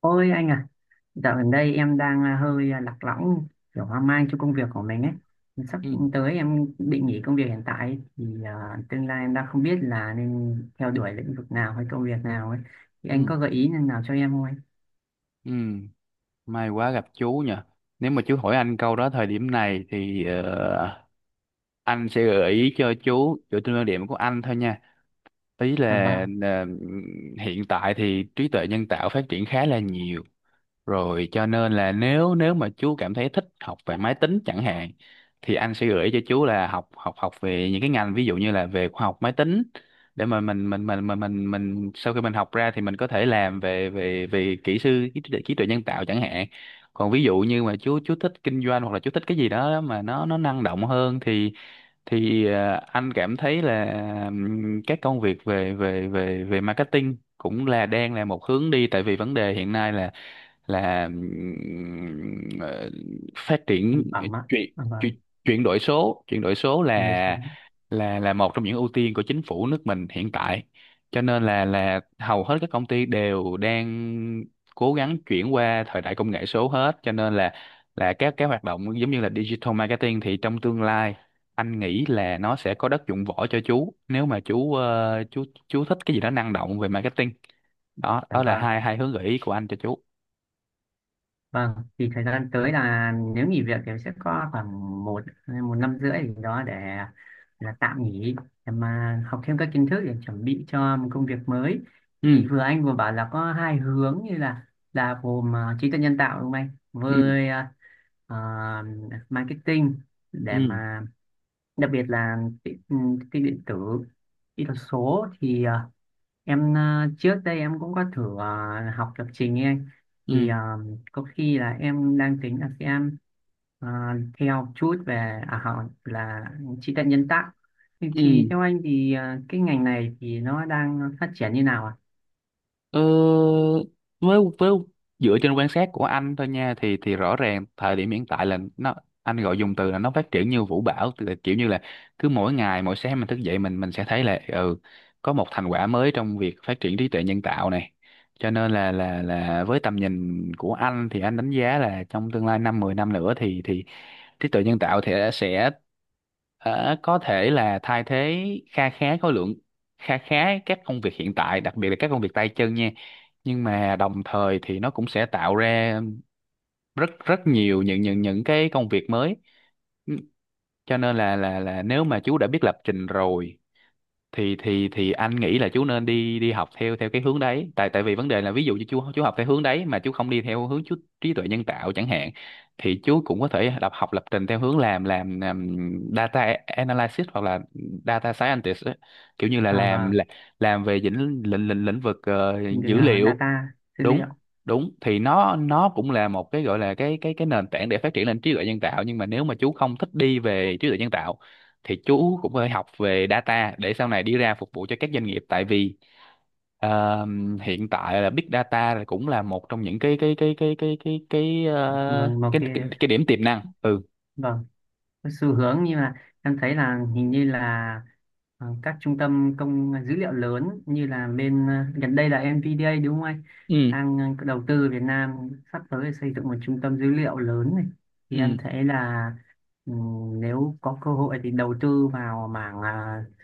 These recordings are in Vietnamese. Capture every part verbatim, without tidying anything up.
Ôi anh à, dạo gần đây em đang à, hơi à, lạc lõng, kiểu hoang mang cho công việc của mình ấy. Sắp Ừ, tới em định nghỉ công việc hiện tại thì à, tương lai em đang không biết là nên theo đuổi lĩnh vực nào hay công việc nào ấy. Thì anh ừ, có gợi ý nào cho em không anh? ừ. May quá gặp chú nhỉ. Nếu mà chú hỏi anh câu đó thời điểm này thì ờ, anh sẽ gợi ý cho chú dựa trên quan điểm của anh thôi nha. Ý là Dạ vâng, ờ, hiện tại thì trí tuệ nhân tạo phát triển khá là nhiều. Rồi cho nên là nếu nếu mà chú cảm thấy thích học về máy tính chẳng hạn thì anh sẽ gửi cho chú là học học học về những cái ngành ví dụ như là về khoa học máy tính, để mà mình mình mình mình mình mình sau khi mình học ra thì mình có thể làm về về về kỹ sư trí tuệ, trí tuệ nhân tạo chẳng hạn. Còn ví dụ như mà chú chú thích kinh doanh, hoặc là chú thích cái gì đó mà nó nó năng động hơn thì thì ờ, anh cảm thấy là ừm, các công việc về về về về marketing cũng là đang là một hướng đi, tại vì vấn đề hiện nay là là ừm, ờ, phát triển sản ờ, phẩm ạ. chuyển Dạ chuyển vâng, chuyển đổi số chuyển đổi số đời là sống. là là một trong những ưu tiên của chính phủ nước mình hiện tại, cho nên là là hầu hết các công ty đều đang cố gắng chuyển qua thời đại công nghệ số hết, cho nên là là các cái hoạt động giống như là digital marketing thì trong tương lai anh nghĩ là nó sẽ có đất dụng võ cho chú, nếu mà chú ờ, chú chú thích cái gì đó năng động về marketing. đó Dạ đó là vâng. hai hai hướng gợi ý của anh cho chú. Vâng, thì thời gian tới là nếu nghỉ việc thì sẽ có khoảng một một năm rưỡi gì đó để là tạm nghỉ để mà học thêm các kiến thức để chuẩn bị cho một công việc mới. Thì Ừ, vừa anh vừa bảo là có hai hướng như là là gồm à, trí tuệ nhân tạo đúng không anh? ừ. Với à, à, marketing để Ừ, mà đặc biệt là ti- ừm, tin điện tử, kỹ thuật số thì à, em à, trước đây em cũng có thử à, học lập trình ấy anh. ừ, Thì à, có khi là em đang tính là sẽ ờ, theo chút về à, họ là trí tuệ nhân tạo thì, ừ. thì theo anh thì ờ, cái ngành này thì nó đang phát triển như nào ạ? Ờ, với với dựa trên quan sát của anh thôi nha thì thì rõ ràng thời điểm hiện tại là nó, anh gọi dùng từ là nó phát triển như vũ bão, tức là kiểu như là cứ mỗi ngày, mỗi sáng mình thức dậy mình mình sẽ thấy là, ừ, có một thành quả mới trong việc phát triển trí tuệ nhân tạo này, cho nên là là là với tầm nhìn của anh thì anh đánh giá là trong tương lai năm mười năm nữa thì thì trí tuệ nhân tạo thì sẽ ờ, có thể là thay thế kha khá khối lượng, khá khá các công việc hiện tại, đặc biệt là các công việc tay chân nha, nhưng mà đồng thời thì nó cũng sẽ tạo ra rất rất nhiều những những những cái công việc mới. Ừ, cho nên là là là nếu mà chú đã biết lập trình rồi thì thì thì anh nghĩ là chú nên đi đi học theo theo cái hướng đấy, tại tại vì vấn đề là ví dụ như chú chú học theo hướng đấy mà chú không đi theo hướng chú trí tuệ nhân tạo chẳng hạn, thì chú cũng có thể đọc học lập trình theo hướng làm làm, làm data analysis hoặc là data scientist á. Kiểu như là À, làm vâng. là- làm về lĩnh lĩnh lĩnh lĩnh vực ờ, Ngành, dữ ờ, liệu. data, dữ liệu. Đúng đúng thì nó nó cũng là một cái, gọi là cái cái cái nền tảng để phát triển lên trí tuệ nhân tạo, nhưng mà nếu mà chú không thích đi về trí tuệ nhân tạo thì chú cũng phải học về data để sau này đi ra phục vụ cho các doanh nghiệp, tại vì ờ, hiện tại là big data là cũng là một trong những cái cái cái cái cái cái cái ờ, Vâng, một cái, cái, cái, cái điểm tiềm năng. Ừ, vâng, cái xu hướng, nhưng mà em thấy là hình như là ờ, các trung tâm công dữ liệu lớn, như là bên ờ, gần đây là en vê đê a đúng không anh, ừ, đang ờ, đầu tư Việt Nam, sắp tới xây dựng một trung tâm dữ liệu lớn này, thì em ừ, thấy là ừm, nếu có cơ hội thì đầu tư vào mảng ờ,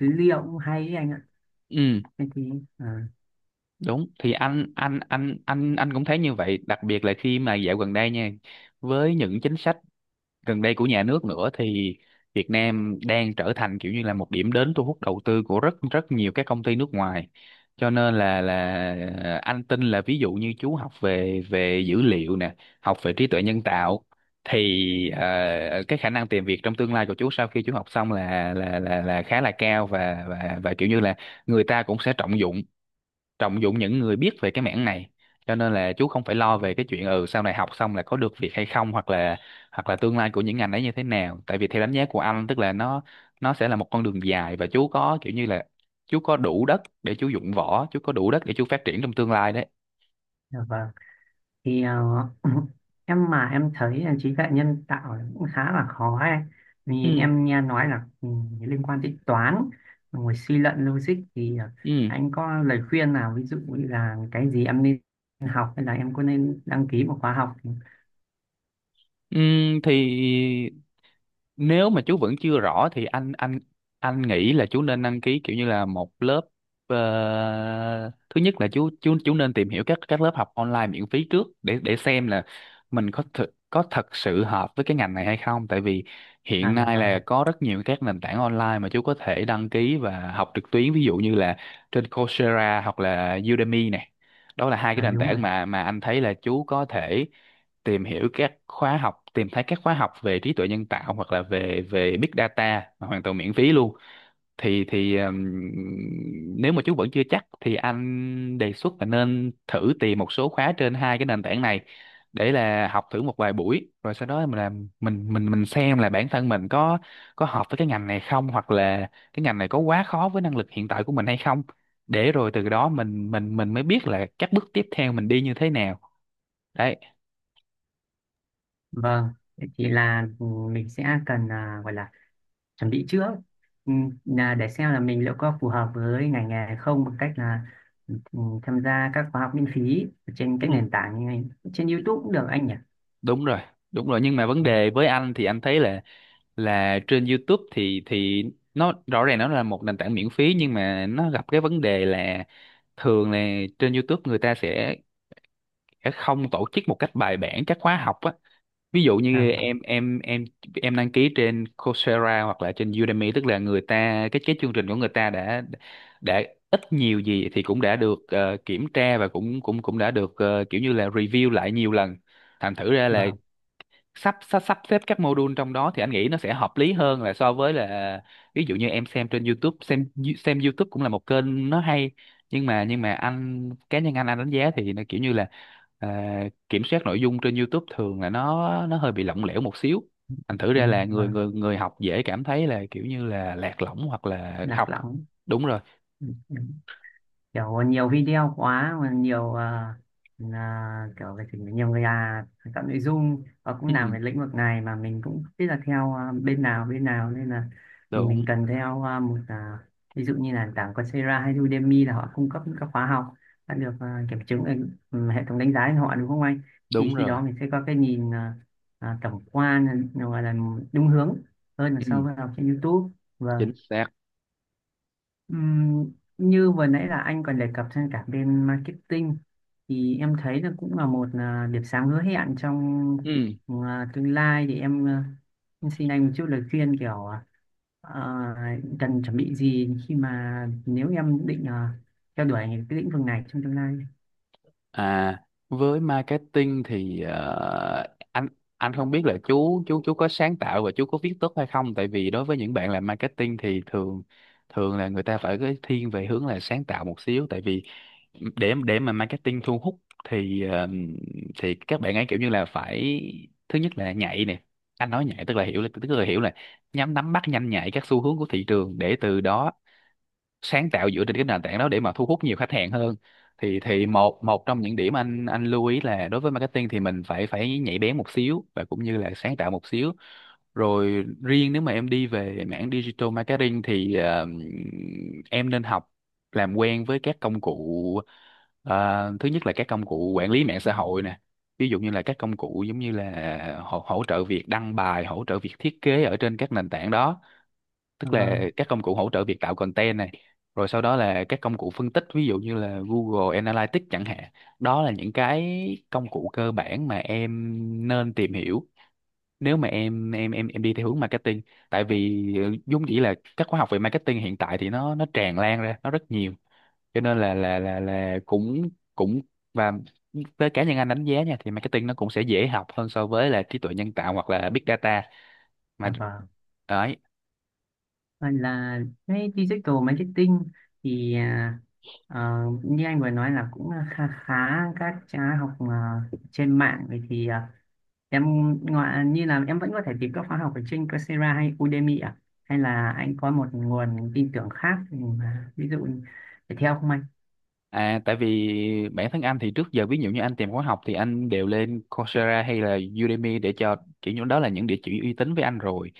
dữ liệu cũng hay ấy anh ạ. ừ. Thế thì ờ, Đúng thì anh anh anh anh anh cũng thấy như vậy, đặc biệt là khi mà dạo gần đây nha, với những chính sách gần đây của nhà nước nữa thì Việt Nam đang trở thành kiểu như là một điểm đến thu hút đầu tư của rất rất nhiều các công ty nước ngoài, cho nên là là ờ, anh tin là ví dụ như chú học về về dữ liệu nè, học về trí tuệ nhân tạo thì ờ, cái khả năng tìm việc trong tương lai của chú sau khi chú học xong là là là là khá là cao, và và và kiểu như là người ta cũng sẽ trọng dụng trọng dụng những người biết về cái mảng này, cho nên là chú không phải lo về cái chuyện, ừ, sau này học xong là có được việc hay không, hoặc là hoặc là tương lai của những ngành ấy như thế nào, tại vì theo đánh giá của anh tức là nó nó sẽ là một con đường dài, và chú có kiểu như là chú có đủ đất để chú dụng võ, chú có đủ đất để chú phát triển trong tương lai đấy. dạ vâng. Thì ờ, em mà em thấy là trí tuệ nhân tạo là cũng khá là khó ấy. Vì Ừ. em nghe nói là ừ, liên quan đến toán, ngồi suy luận logic, thì ờ, Ừ, anh có lời khuyên nào, ví dụ như là cái gì em nên học, hay là em có nên đăng ký một khóa học? ừ thì nếu mà chú vẫn chưa rõ thì anh anh anh nghĩ là chú nên đăng ký kiểu như là một lớp. Ờ, thứ nhất là chú chú chú nên tìm hiểu các các lớp học online miễn phí trước để để xem là mình có thực có thật sự hợp với cái ngành này hay không, tại vì À, hiện là nay là vâng. có rất nhiều các nền tảng online mà chú có thể đăng ký và học trực tuyến, ví dụ như là trên Coursera hoặc là Udemy này. Đó là hai cái À, nền đúng rồi. tảng mà mà anh thấy là chú có thể tìm hiểu các khóa học, tìm thấy các khóa học về trí tuệ nhân tạo hoặc là về về big data mà hoàn toàn miễn phí luôn. Thì thì ừm, nếu mà chú vẫn chưa chắc thì anh đề xuất là nên thử tìm một số khóa trên hai cái nền tảng này để là học thử một vài buổi, rồi sau đó mình làm mình mình mình xem là bản thân mình có có hợp với cái ngành này không, hoặc là cái ngành này có quá khó với năng lực hiện tại của mình hay không, để rồi từ đó mình mình mình mới biết là các bước tiếp theo mình đi như thế nào đấy. Vâng. Thế thì là ừ, mình sẽ cần à, gọi là chuẩn bị trước, ừ, là để xem là mình liệu có phù hợp với ngành nghề hay không, bằng cách là ừ, tham gia các khóa học miễn phí trên Ừ. các nền tảng như này, trên YouTube cũng được anh nhỉ? Đúng rồi. Đúng rồi, nhưng mà vấn đề với anh thì anh thấy là là trên YouTube thì thì nó rõ ràng nó là một nền tảng miễn phí, nhưng mà nó gặp cái vấn đề là thường là trên YouTube người ta sẽ sẽ không tổ chức một cách bài bản các khóa học á. Ví dụ như Vâng, vâng, em em em em đăng ký trên Coursera hoặc là trên Udemy, tức là người ta, cái cái chương trình của người ta đã đã ít nhiều gì thì cũng đã được ờ, kiểm tra, và cũng cũng cũng đã được ờ, kiểu như là review lại nhiều lần, thành thử ra là vâng. sắp sắp sắp xếp các module trong đó thì anh nghĩ nó sẽ hợp lý hơn là so với là ví dụ như em xem trên YouTube. Xem xem YouTube cũng là một kênh nó hay, nhưng mà nhưng mà anh, cá nhân anh anh đánh giá thì nó kiểu như là, à, kiểm soát nội dung trên YouTube thường là nó nó hơi bị lỏng lẻo một xíu, thành thử ra Đúng, là người vâng. người người học dễ cảm thấy là kiểu như là lạc lõng, hoặc là Lạc học. lõng. Đúng rồi. Ừ, ừ. Kiểu nhiều video quá, mà nhiều ờ, là kiểu về trình, nhiều người là tạo nội dung và cũng làm Ừ, về lĩnh vực này, mà mình cũng không biết là theo ờ, bên nào bên nào, nên là đúng. mình cần theo ờ, một, ờ, ví dụ như là nền tảng Coursera hay Udemy, là họ cung cấp những các khóa học đã được ờ, kiểm chứng ở ừ, hệ thống đánh giá của họ đúng không anh? Thì Đúng khi rồi. đó mình sẽ có cái nhìn ờ, ờ, tổng quan, gọi là đúng hướng hơn là so Ừ, với học trên YouTube. Vâng. chính xác. Ừm, Như vừa nãy là anh còn đề cập trên cả bên marketing, thì em thấy là cũng là một à, điểm sáng hứa hẹn trong Ừ. à, tương lai, thì em, à, em xin anh một chút lời khuyên, kiểu à, à, cần chuẩn bị gì khi mà nếu em định à, theo đuổi cái lĩnh vực này trong tương lai. À, với marketing thì ờ, anh anh không biết là chú chú chú có sáng tạo và chú có viết tốt hay không, tại vì đối với những bạn làm marketing thì thường thường là người ta phải cái thiên về hướng là sáng tạo một xíu, tại vì để để mà marketing thu hút thì ờ, thì các bạn ấy kiểu như là phải, thứ nhất là nhạy nè. Anh nói nhạy tức là hiểu là tức là hiểu là nhắm nắm bắt nhanh nhạy các xu hướng của thị trường để từ đó sáng tạo dựa trên cái nền tảng đó để mà thu hút nhiều khách hàng hơn. Thì thì một một trong những điểm anh anh lưu ý là đối với marketing thì mình phải phải nhạy bén một xíu và cũng như là sáng tạo một xíu. Rồi riêng nếu mà em đi về mảng digital marketing thì ờ, em nên học, làm quen với các công cụ. Ờ, thứ nhất là các công cụ quản lý mạng xã hội nè, ví dụ như là các công cụ giống như là hỗ, hỗ trợ việc đăng bài, hỗ trợ việc thiết kế ở trên các nền tảng đó, Dạ tức là vâng. các công cụ hỗ trợ việc tạo content này. Rồi sau đó là các công cụ phân tích, ví dụ như là Google Analytics chẳng hạn. Đó là những cái công cụ cơ bản mà em nên tìm hiểu nếu mà em em em em đi theo hướng marketing, tại vì ờ, vốn dĩ là các khóa học về marketing hiện tại thì nó nó tràn lan ra, nó rất nhiều, cho nên là là là là cũng cũng và với cá nhân anh đánh giá nha, thì marketing nó cũng sẽ dễ học hơn so với là trí tuệ nhân tạo hoặc là big data mà. Dạ vâng. Đấy. Và là cái digital marketing thì à, ờ, như anh vừa nói là cũng khá khá các khóa học à, trên mạng, vậy thì à, em, ngoài như là em vẫn có thể tìm các khóa học ở trên Coursera hay Udemy à, hay là anh có một nguồn tin tưởng khác, ừ, mà ví dụ để theo không anh? À, tại vì bản thân anh thì trước giờ, ví dụ như anh tìm khóa học thì anh đều lên Coursera hay là Udemy, để cho kiểu như đó là những địa chỉ uy tín với anh rồi.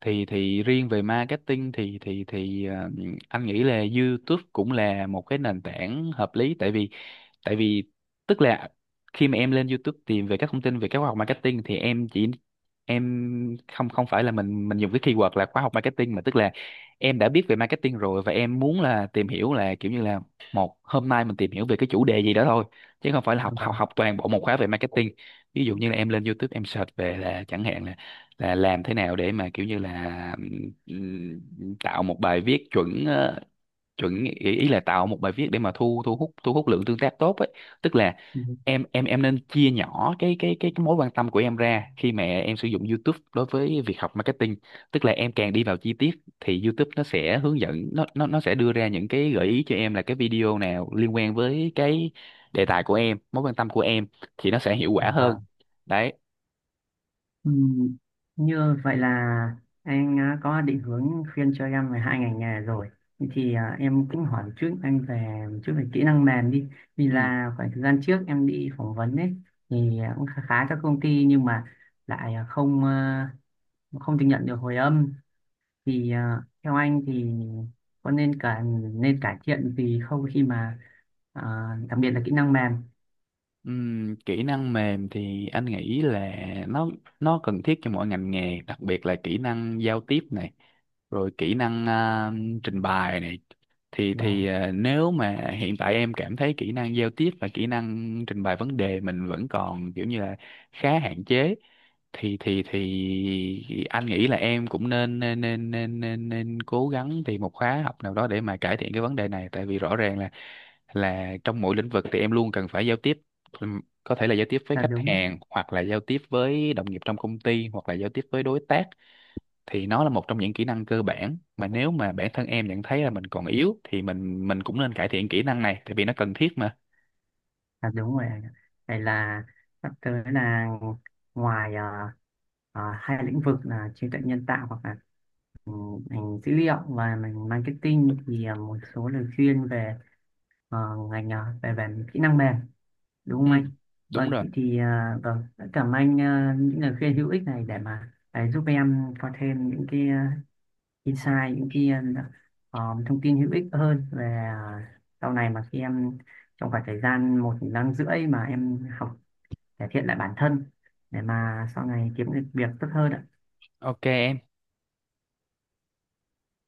Thì thì riêng về marketing thì thì thì ờ, anh nghĩ là YouTube cũng là một cái nền tảng hợp lý. Tại vì tại vì tức là khi mà em lên YouTube tìm về các thông tin về các khóa học marketing thì em chỉ em không không phải là mình mình dùng cái keyword là khóa học marketing, mà tức là em đã biết về marketing rồi và em muốn là tìm hiểu là kiểu như là một hôm nay mình tìm hiểu về cái chủ đề gì đó thôi, chứ không phải là Dạ học học vâng. học toàn bộ một khóa về marketing. Ví dụ như là em lên YouTube em search về là chẳng hạn là là làm thế nào để mà kiểu như là ừm, tạo một bài viết chuẩn, ờ, chuẩn ý, ý là tạo một bài viết để mà thu thu hút thu hút lượng tương tác tốt ấy, tức là Ừ. em em em nên chia nhỏ cái cái cái, cái mối quan tâm của em ra khi mà em sử dụng YouTube đối với việc học marketing. Tức là em càng đi vào chi tiết thì YouTube nó sẽ hướng dẫn, nó nó nó sẽ đưa ra những cái gợi ý cho em là cái video nào liên quan với cái đề tài của em, mối quan tâm của em, thì nó sẽ hiệu Dạ quả hơn. vâng. Đấy. Ừ, như vậy là anh à, có định hướng khuyên cho em về hai ngành nghề rồi, thì à, em cũng hỏi một chút anh về một chút về kỹ năng mềm đi, vì Ừ. là khoảng thời gian trước em đi phỏng vấn ấy, thì à, cũng khá khá các công ty, nhưng mà lại à, không à, không được nhận được hồi âm, thì à, theo anh thì có nên cả nên cải thiện gì không, khi mà à, đặc biệt là kỹ năng mềm. Ừm, kỹ năng mềm thì anh nghĩ là nó nó cần thiết cho mỗi ngành nghề, đặc biệt là kỹ năng giao tiếp này, rồi kỹ năng à, trình bày này. Thì vâng, thì à, Nếu mà hiện tại em cảm thấy kỹ năng giao tiếp và kỹ năng trình bày vấn đề mình vẫn còn kiểu như là khá hạn chế, thì thì thì anh nghĩ là em cũng nên nên nên nên nên, nên cố gắng tìm một khóa học nào đó để mà cải thiện cái vấn đề này. Tại vì rõ ràng là là trong mỗi lĩnh vực thì em luôn cần phải giao tiếp. Ừm, có thể là giao tiếp với là khách đúng đó. hàng hoặc là giao tiếp với đồng nghiệp trong công ty hoặc là giao tiếp với đối tác, thì nó là một trong những kỹ năng cơ bản mà nếu mà bản thân em nhận thấy là mình còn yếu thì mình mình cũng nên cải thiện kỹ năng này, tại vì nó cần thiết mà. Là đúng rồi anh ạ. Vậy là sắp tới là, ngoài à, à, hai lĩnh vực là trí tuệ nhân tạo hoặc là ngành dữ liệu và ngành marketing, thì à, một số lời khuyên về à, ngành, à, về về kỹ năng mềm, đúng không Ừ, anh? đúng Vâng, rồi. thế thì à, vâng rất cảm ơn anh à, những lời khuyên hữu ích này, để mà để giúp em có thêm những cái à, insight, những cái um, thông tin hữu ích hơn về à, sau này mà khi em, trong khoảng thời gian một năm rưỡi mà em học cải thiện lại bản thân, để mà sau này kiếm được việc tốt hơn ạ. Ok em.